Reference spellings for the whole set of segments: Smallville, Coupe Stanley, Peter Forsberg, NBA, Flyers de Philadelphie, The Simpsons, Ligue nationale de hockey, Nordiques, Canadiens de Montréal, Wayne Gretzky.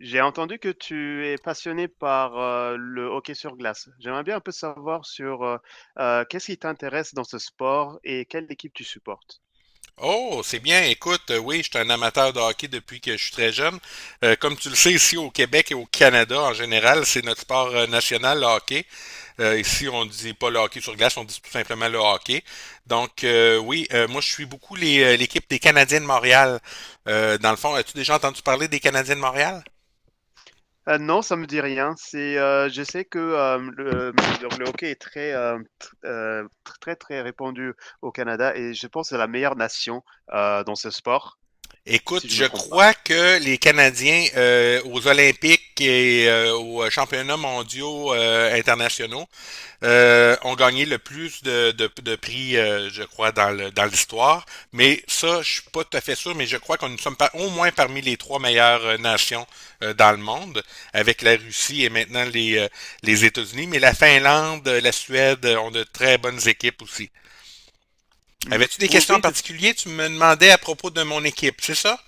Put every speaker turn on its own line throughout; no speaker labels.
J'ai entendu que tu es passionné par, le hockey sur glace. J'aimerais bien un peu savoir sur, qu'est-ce qui t'intéresse dans ce sport et quelle équipe tu supportes?
Oh, c'est bien. Écoute, oui, je suis un amateur de hockey depuis que je suis très jeune. Comme tu le sais, ici au Québec et au Canada en général, c'est notre sport national, le hockey. Ici, on ne dit pas le hockey sur glace, on dit tout simplement le hockey. Oui, moi, je suis beaucoup l'équipe des Canadiens de Montréal. Dans le fond, as-tu déjà entendu parler des Canadiens de Montréal?
Non, ça me dit rien. C'est, je sais que, hem, le donc le hockey est très, hem, tr tr très, très répandu au Canada et je pense que c'est la meilleure nation, dans ce sport,
Écoute,
si je
je
me trompe pas.
crois que les Canadiens aux Olympiques et aux championnats mondiaux internationaux ont gagné le plus de prix, je crois, dans l'histoire. Mais ça, je suis pas tout à fait sûr, mais je crois qu'on nous sommes par- au moins parmi les trois meilleures nations dans le monde, avec la Russie et maintenant les États-Unis. Mais la Finlande, la Suède ont de très bonnes équipes aussi.
Mmh.
Avais-tu des
Oui,
questions en
oui,
particulier? Tu me demandais à propos de mon équipe, c'est ça?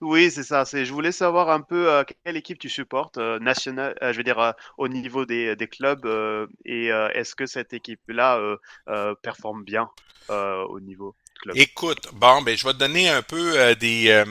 oui, c'est ça, c'est je voulais savoir un peu, quelle équipe tu supportes, nationale, je veux dire, au niveau des clubs, est-ce que cette équipe-là, performe bien, au niveau de club?
Écoute, bon, ben, je vais te donner un peu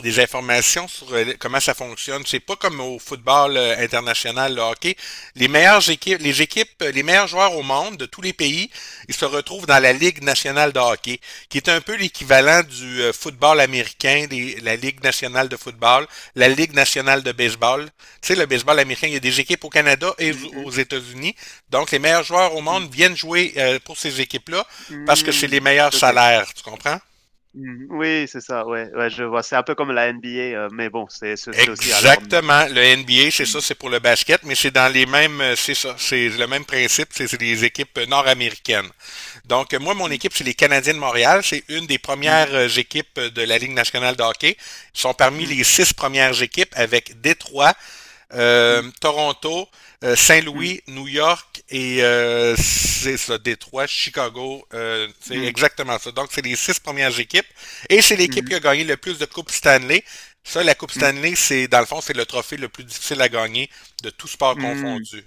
des informations sur comment ça fonctionne. C'est pas comme au football international, le hockey. Les meilleures équipes, les meilleurs joueurs au monde de tous les pays, ils se retrouvent dans la Ligue nationale de hockey qui est un peu l'équivalent du football américain, la Ligue nationale de football, la Ligue nationale de baseball. Tu sais, le baseball américain, il y a des équipes au Canada et
Mmh mh.
aux États-Unis. Donc, les meilleurs joueurs au
Mmh.
monde viennent jouer pour ces équipes-là parce que c'est les
Mmh.
meilleurs
OK.
salaires, tu comprends?
Mmh. Oui, c'est ça, ouais, ouais, je vois. C'est un peu comme la NBA, mais bon, c'est aussi à leur mmh
Exactement. Le NBA, c'est ça,
mh.
c'est pour le basket, mais c'est dans les c'est ça, c'est le même principe, c'est les équipes nord-américaines. Moi, mon
Mmh.
équipe, c'est les Canadiens de Montréal. C'est une des
Mmh.
premières équipes de la Ligue nationale de hockey. Ils sont parmi
Mmh.
les six premières équipes avec Détroit,
Mmh.
Toronto,
Mmh.
Saint-Louis, New York Détroit, Chicago, c'est
Mmh.
exactement ça. Donc, c'est les six premières équipes et c'est
Mmh
l'équipe qui
mh.
a gagné le plus de coupes Stanley. Ça, la Coupe Stanley, c'est dans le fond, c'est le trophée le plus difficile à gagner de tout sport
Mmh.
confondu.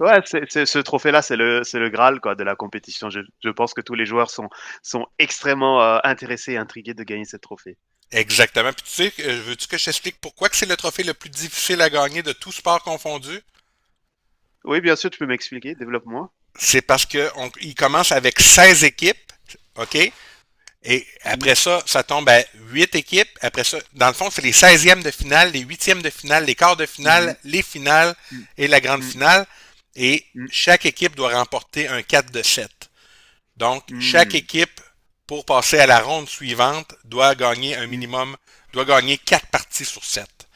Ouais, c'est ce trophée-là, c'est le graal quoi de la compétition. Je pense que tous les joueurs sont sont extrêmement, intéressés et intrigués de gagner ce trophée.
Exactement. Puis tu sais, veux-tu que je t'explique pourquoi que c'est le trophée le plus difficile à gagner de tout sport confondu?
Oui, bien sûr, tu peux m'expliquer, développe-moi.
C'est parce que on- il commence avec 16 équipes, OK? Et
Mmh.
après ça, ça tombe à 8 équipes. Après ça, dans le fond, c'est les seizièmes de finale, les huitièmes de finale, les quarts de
Mmh mh.
finale, les finales
Mmh.
et la grande
Mmh.
finale. Et chaque équipe doit remporter un 4 de 7. Donc, chaque
Mmh.
équipe, pour passer à la ronde suivante, doit gagner un
Mmh.
minimum, doit gagner quatre parties sur sept.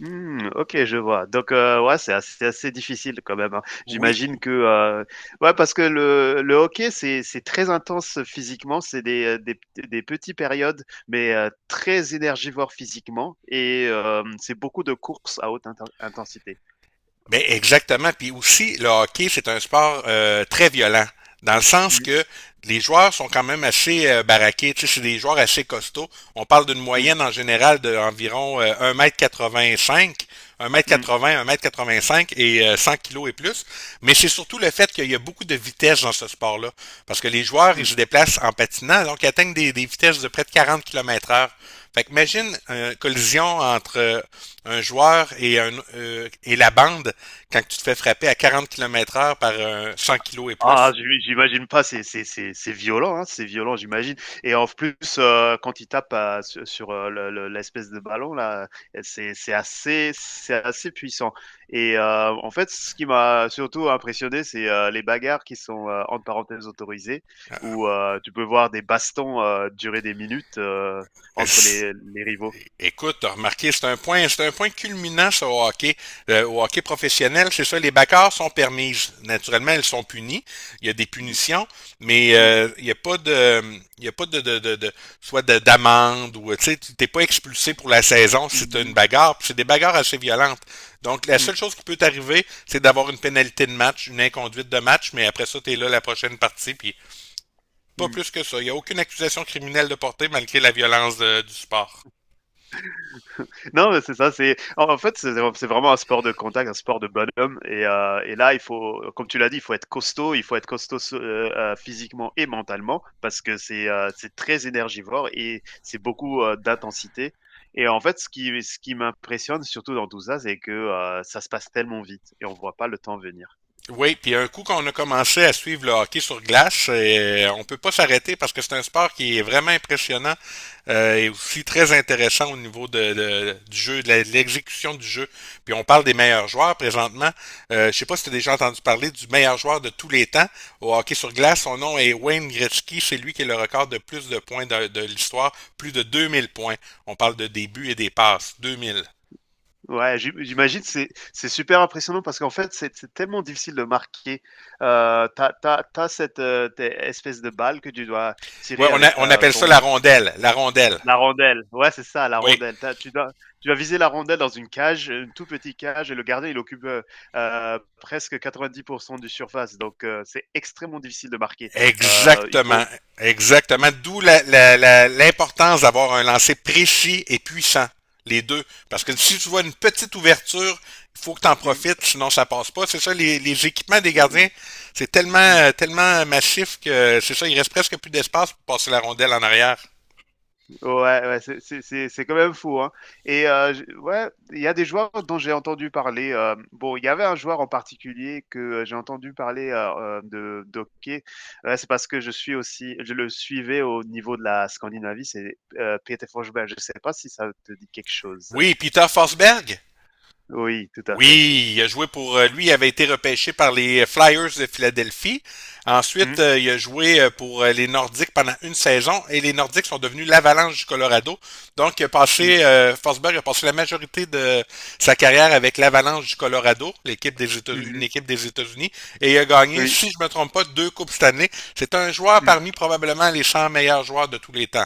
Mmh, OK, je vois. Donc, ouais, c'est assez difficile quand même, hein.
Oui,
J'imagine que, ouais, parce que le hockey, c'est très intense physiquement, c'est des petits périodes, mais, très énergivores physiquement et c'est beaucoup de courses à haute intensité.
ben exactement. Puis aussi, le hockey, c'est un sport très violent, dans le sens
Mmh,
que les joueurs sont quand même assez baraqués. Tu sais, c'est des joueurs assez costauds. On parle d'une
mmh,
moyenne en général d'environ de environ 1m85. 1 un mètre
mmh,
quatre-vingt, 85 et 100 kg et plus. Mais c'est surtout le fait qu'il y a beaucoup de vitesse dans ce sport-là. Parce que les joueurs, ils
mmh.
se déplacent en patinant, donc ils atteignent des vitesses de près de 40 km heure. Fait que imagine une collision entre un joueur et la bande quand tu te fais frapper à 40 km heure par un 100 kg et
Ah,
plus.
j'imagine pas, c'est c'est violent, hein, c'est violent, j'imagine et en plus, quand il tape, su sur, le l'espèce de ballon là, c'est assez puissant et en fait, ce qui m'a surtout impressionné, c'est, les bagarres qui sont, entre parenthèses «autorisées» où, tu peux voir des bastons, durer des minutes, entre les rivaux.
Écoute, t'as remarqué, c'est un point culminant ça, au hockey professionnel, c'est ça. Les backers sont permises, naturellement, elles sont punies. Il y a des
Mmh,
punitions, mais
mmh.
il y a pas de soit d'amende ou tu sais, t'es pas expulsé pour la saison si
Mmh
t'as une
mh.
bagarre. Puis c'est des bagarres assez violentes. Donc la seule
Mmh.
chose qui peut t'arriver, c'est d'avoir une pénalité de match, une inconduite de match, mais après ça, t'es là la prochaine partie, puis pas
Mmh.
plus que ça. Il n'y a aucune accusation criminelle de portée malgré la violence du sport.
Non, mais c'est ça. C'est en fait, c'est vraiment un sport de contact, un sport de bonhomme. Et là, il faut, comme tu l'as dit, il faut être costaud. Il faut être costaud physiquement et mentalement parce que c'est très énergivore et c'est beaucoup d'intensité. Et en fait, ce qui m'impressionne surtout dans tout ça, c'est que ça se passe tellement vite et on voit pas le temps venir.
Oui, puis un coup qu'on a commencé à suivre le hockey sur glace, on peut pas s'arrêter parce que c'est un sport qui est vraiment impressionnant et aussi très intéressant au niveau du jeu, de de l'exécution du jeu. Puis on parle des meilleurs joueurs présentement. Je sais pas si tu as déjà entendu parler du meilleur joueur de tous les temps au hockey sur glace. Son nom est Wayne Gretzky. C'est lui qui est le record de plus de points de l'histoire, plus de 2000 points. On parle de début et des passes, 2000.
Ouais, j'imagine, c'est super impressionnant parce qu'en fait, c'est tellement difficile de marquer. T'as t'as tu cette, tu espèce de balle que tu dois
Ouais,
tirer avec
on
ta
appelle ça la
ton
rondelle. La rondelle.
la rondelle. Ouais, c'est ça, la
Oui,
rondelle. T'as tu dois viser la rondelle dans une cage, une tout petit cage et le gardien, il occupe, presque 90 du surface donc c'est extrêmement difficile de marquer. Il
exactement.
faut mmh,
Exactement. D'où l'importance d'avoir un lancer précis et puissant, les deux. Parce que si tu vois une petite ouverture, il faut que tu en
mmh,
profites, sinon ça passe pas. C'est ça, les équipements des
mmh,
gardiens,
mmh,
c'est tellement,
mmh.
tellement massif que c'est ça, il reste presque plus d'espace pour passer la rondelle en arrière.
Ouais, ouais, c'est c'est quand même fou, hein et je ouais, il y a des joueurs dont j'ai entendu parler, bon, il y avait un joueur en particulier que, j'ai entendu parler, hem, de d'hockey. C'est parce que je suis aussi je le suivais au niveau de la Scandinavie, c'est, Peter Forsberg. Je sais pas si ça te dit quelque chose?
Oui, Peter Forsberg.
Oui, tout à fait.
Oui, il a joué pour lui, il avait été repêché par les Flyers de Philadelphie. Ensuite,
Mmh.
il a joué pour les Nordiques pendant une saison et les Nordiques sont devenus l'Avalanche du Colorado. Donc, il a
Mmh.
passé, Forsberg a passé la majorité de sa carrière avec l'Avalanche du Colorado,
Mmh
une
mmh.
équipe des États-Unis, et il a gagné,
Oui.
si je me trompe pas, deux coupes cette année. C'est un joueur
Mmh.
parmi probablement les 100 meilleurs joueurs de tous les temps.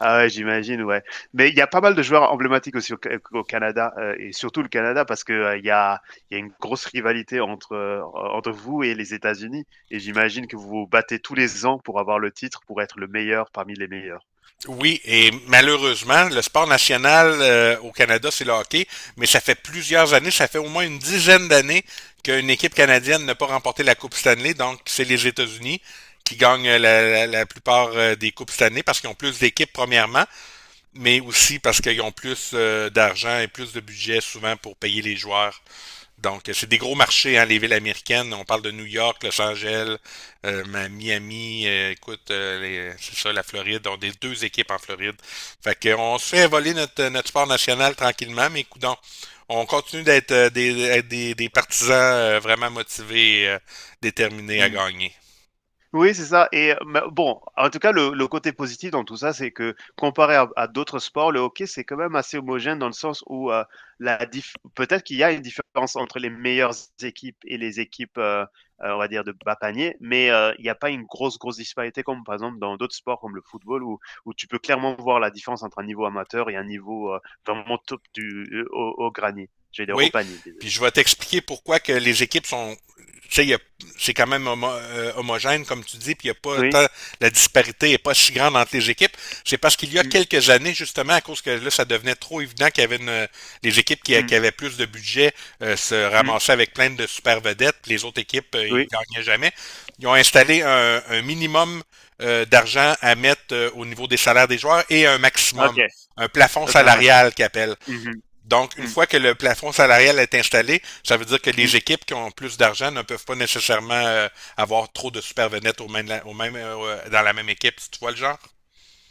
Ah ouais, j'imagine, ouais. Mais il y a pas mal de joueurs emblématiques aussi au, au Canada, et surtout le Canada, parce que il y a une grosse rivalité entre, entre vous et les États-Unis. Et j'imagine que vous vous battez tous les ans pour avoir le titre, pour être le meilleur parmi les meilleurs.
Oui, et malheureusement, le sport national au Canada, c'est le hockey, mais ça fait plusieurs années, ça fait au moins une dizaine d'années qu'une équipe canadienne n'a pas remporté la Coupe Stanley, donc c'est les États-Unis qui gagnent la plupart des Coupes Stanley parce qu'ils ont plus d'équipes premièrement, mais aussi parce qu'ils ont plus d'argent et plus de budget souvent pour payer les joueurs donc, c'est des gros marchés, hein, les villes américaines. On parle de New York, Los Angeles, euh, Miami, c'est ça, la Floride. On a des deux équipes en Floride. Fait qu'on se fait voler notre, notre sport national tranquillement, mais coudons, on continue d'être des partisans vraiment motivés et déterminés à
Mm.
gagner.
Oui, c'est ça et bah, bon, en tout cas, le côté positif dans tout ça, c'est que comparé à d'autres sports, le hockey, c'est quand même assez homogène dans le sens où, la diff peut-être qu'il y a une différence entre les meilleures équipes et les équipes, on va dire de bas panier, mais il n'y a pas une grosse, grosse disparité comme par exemple dans d'autres sports comme le football où tu peux clairement voir la différence entre un niveau amateur et un niveau, vraiment top du, au granier, j'allais dire au
Oui,
panier,
puis
désolé.
je vais t'expliquer pourquoi que les équipes sont, tu sais, c'est quand même homogène, comme tu dis, puis il y a pas
Oui.
tant, la disparité est pas si grande entre les équipes. C'est parce qu'il y a
Mmh,
quelques années, justement, à cause que là, ça devenait trop évident qu'il y avait une, les équipes qui
mmh,
avaient plus de budget se
mmh,
ramassaient avec plein de super vedettes, puis les autres équipes, ils
oui,
gagnaient jamais. Ils ont
mmh.
installé un minimum d'argent à mettre au niveau des salaires des joueurs et un maximum,
OK,
un plafond
OK, un match.
salarial qu'ils appellent.
Mmh mh,
Donc, une
mmh.
fois que le plafond salarial est installé, ça veut dire que les
Mmh.
équipes qui ont plus d'argent ne peuvent pas nécessairement avoir trop de supervenettes au même, dans la même équipe, si tu vois le genre.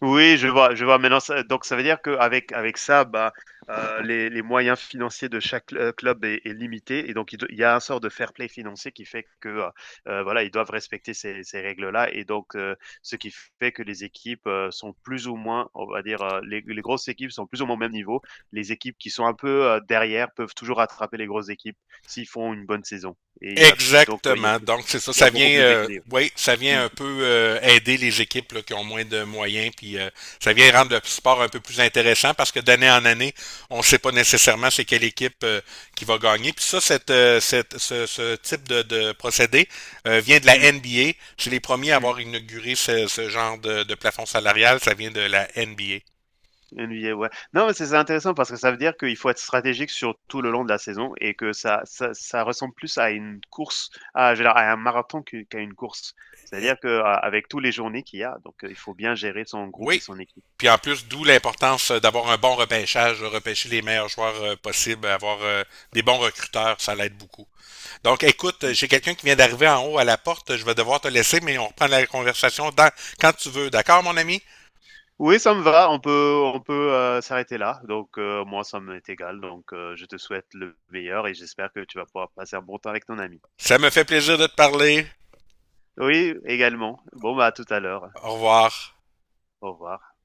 Oui, je vois, je vois. Maintenant, ça donc ça veut dire qu'avec avec ça, bah, les moyens financiers de chaque, club est limité et donc il y a un sort de fair play financier qui fait que, voilà, ils doivent respecter ces règles-là et donc ce qui fait que les équipes, sont plus ou moins, on va dire, les grosses équipes sont plus ou moins au même niveau. Les équipes qui sont un peu, derrière peuvent toujours rattraper les grosses équipes s'ils font une bonne saison et il y a donc
Exactement. Donc, c'est ça.
il y a
Ça
beaucoup
vient,
plus d'équilibre.
oui, ça vient
Mmh.
un peu aider les équipes là, qui ont moins de moyens. Puis, ça vient rendre le sport un peu plus intéressant parce que d'année en année, on ne sait pas nécessairement c'est quelle équipe qui va gagner. Puis ça, ce type de procédé vient de la
Mmh.
NBA. C'est les premiers à
Mmh.
avoir inauguré ce genre de plafond salarial. Ça vient de la NBA.
NBA, ouais. Non, mais c'est intéressant parce que ça veut dire qu'il faut être stratégique sur tout le long de la saison et que ça ressemble plus à une course, à, je veux dire, à un marathon qu'à une course. C'est-à-dire que avec tous les journées qu'il y a, donc il faut bien gérer son groupe et
Oui.
son équipe.
Puis en plus, d'où l'importance d'avoir un bon repêchage, de repêcher les meilleurs joueurs possibles, avoir des bons recruteurs, ça l'aide beaucoup. Donc écoute, j'ai quelqu'un qui vient d'arriver en haut à la porte, je vais devoir te laisser, mais on reprend la conversation quand tu veux. D'accord, mon ami?
Oui, ça me va. On peut s'arrêter là. Donc moi, ça m'est égal. Donc je te souhaite le meilleur et j'espère que tu vas pouvoir passer un bon temps avec ton ami.
Ça me fait plaisir de te parler.
Oui, également. Bon, bah à tout à l'heure.
Au revoir.
Au revoir.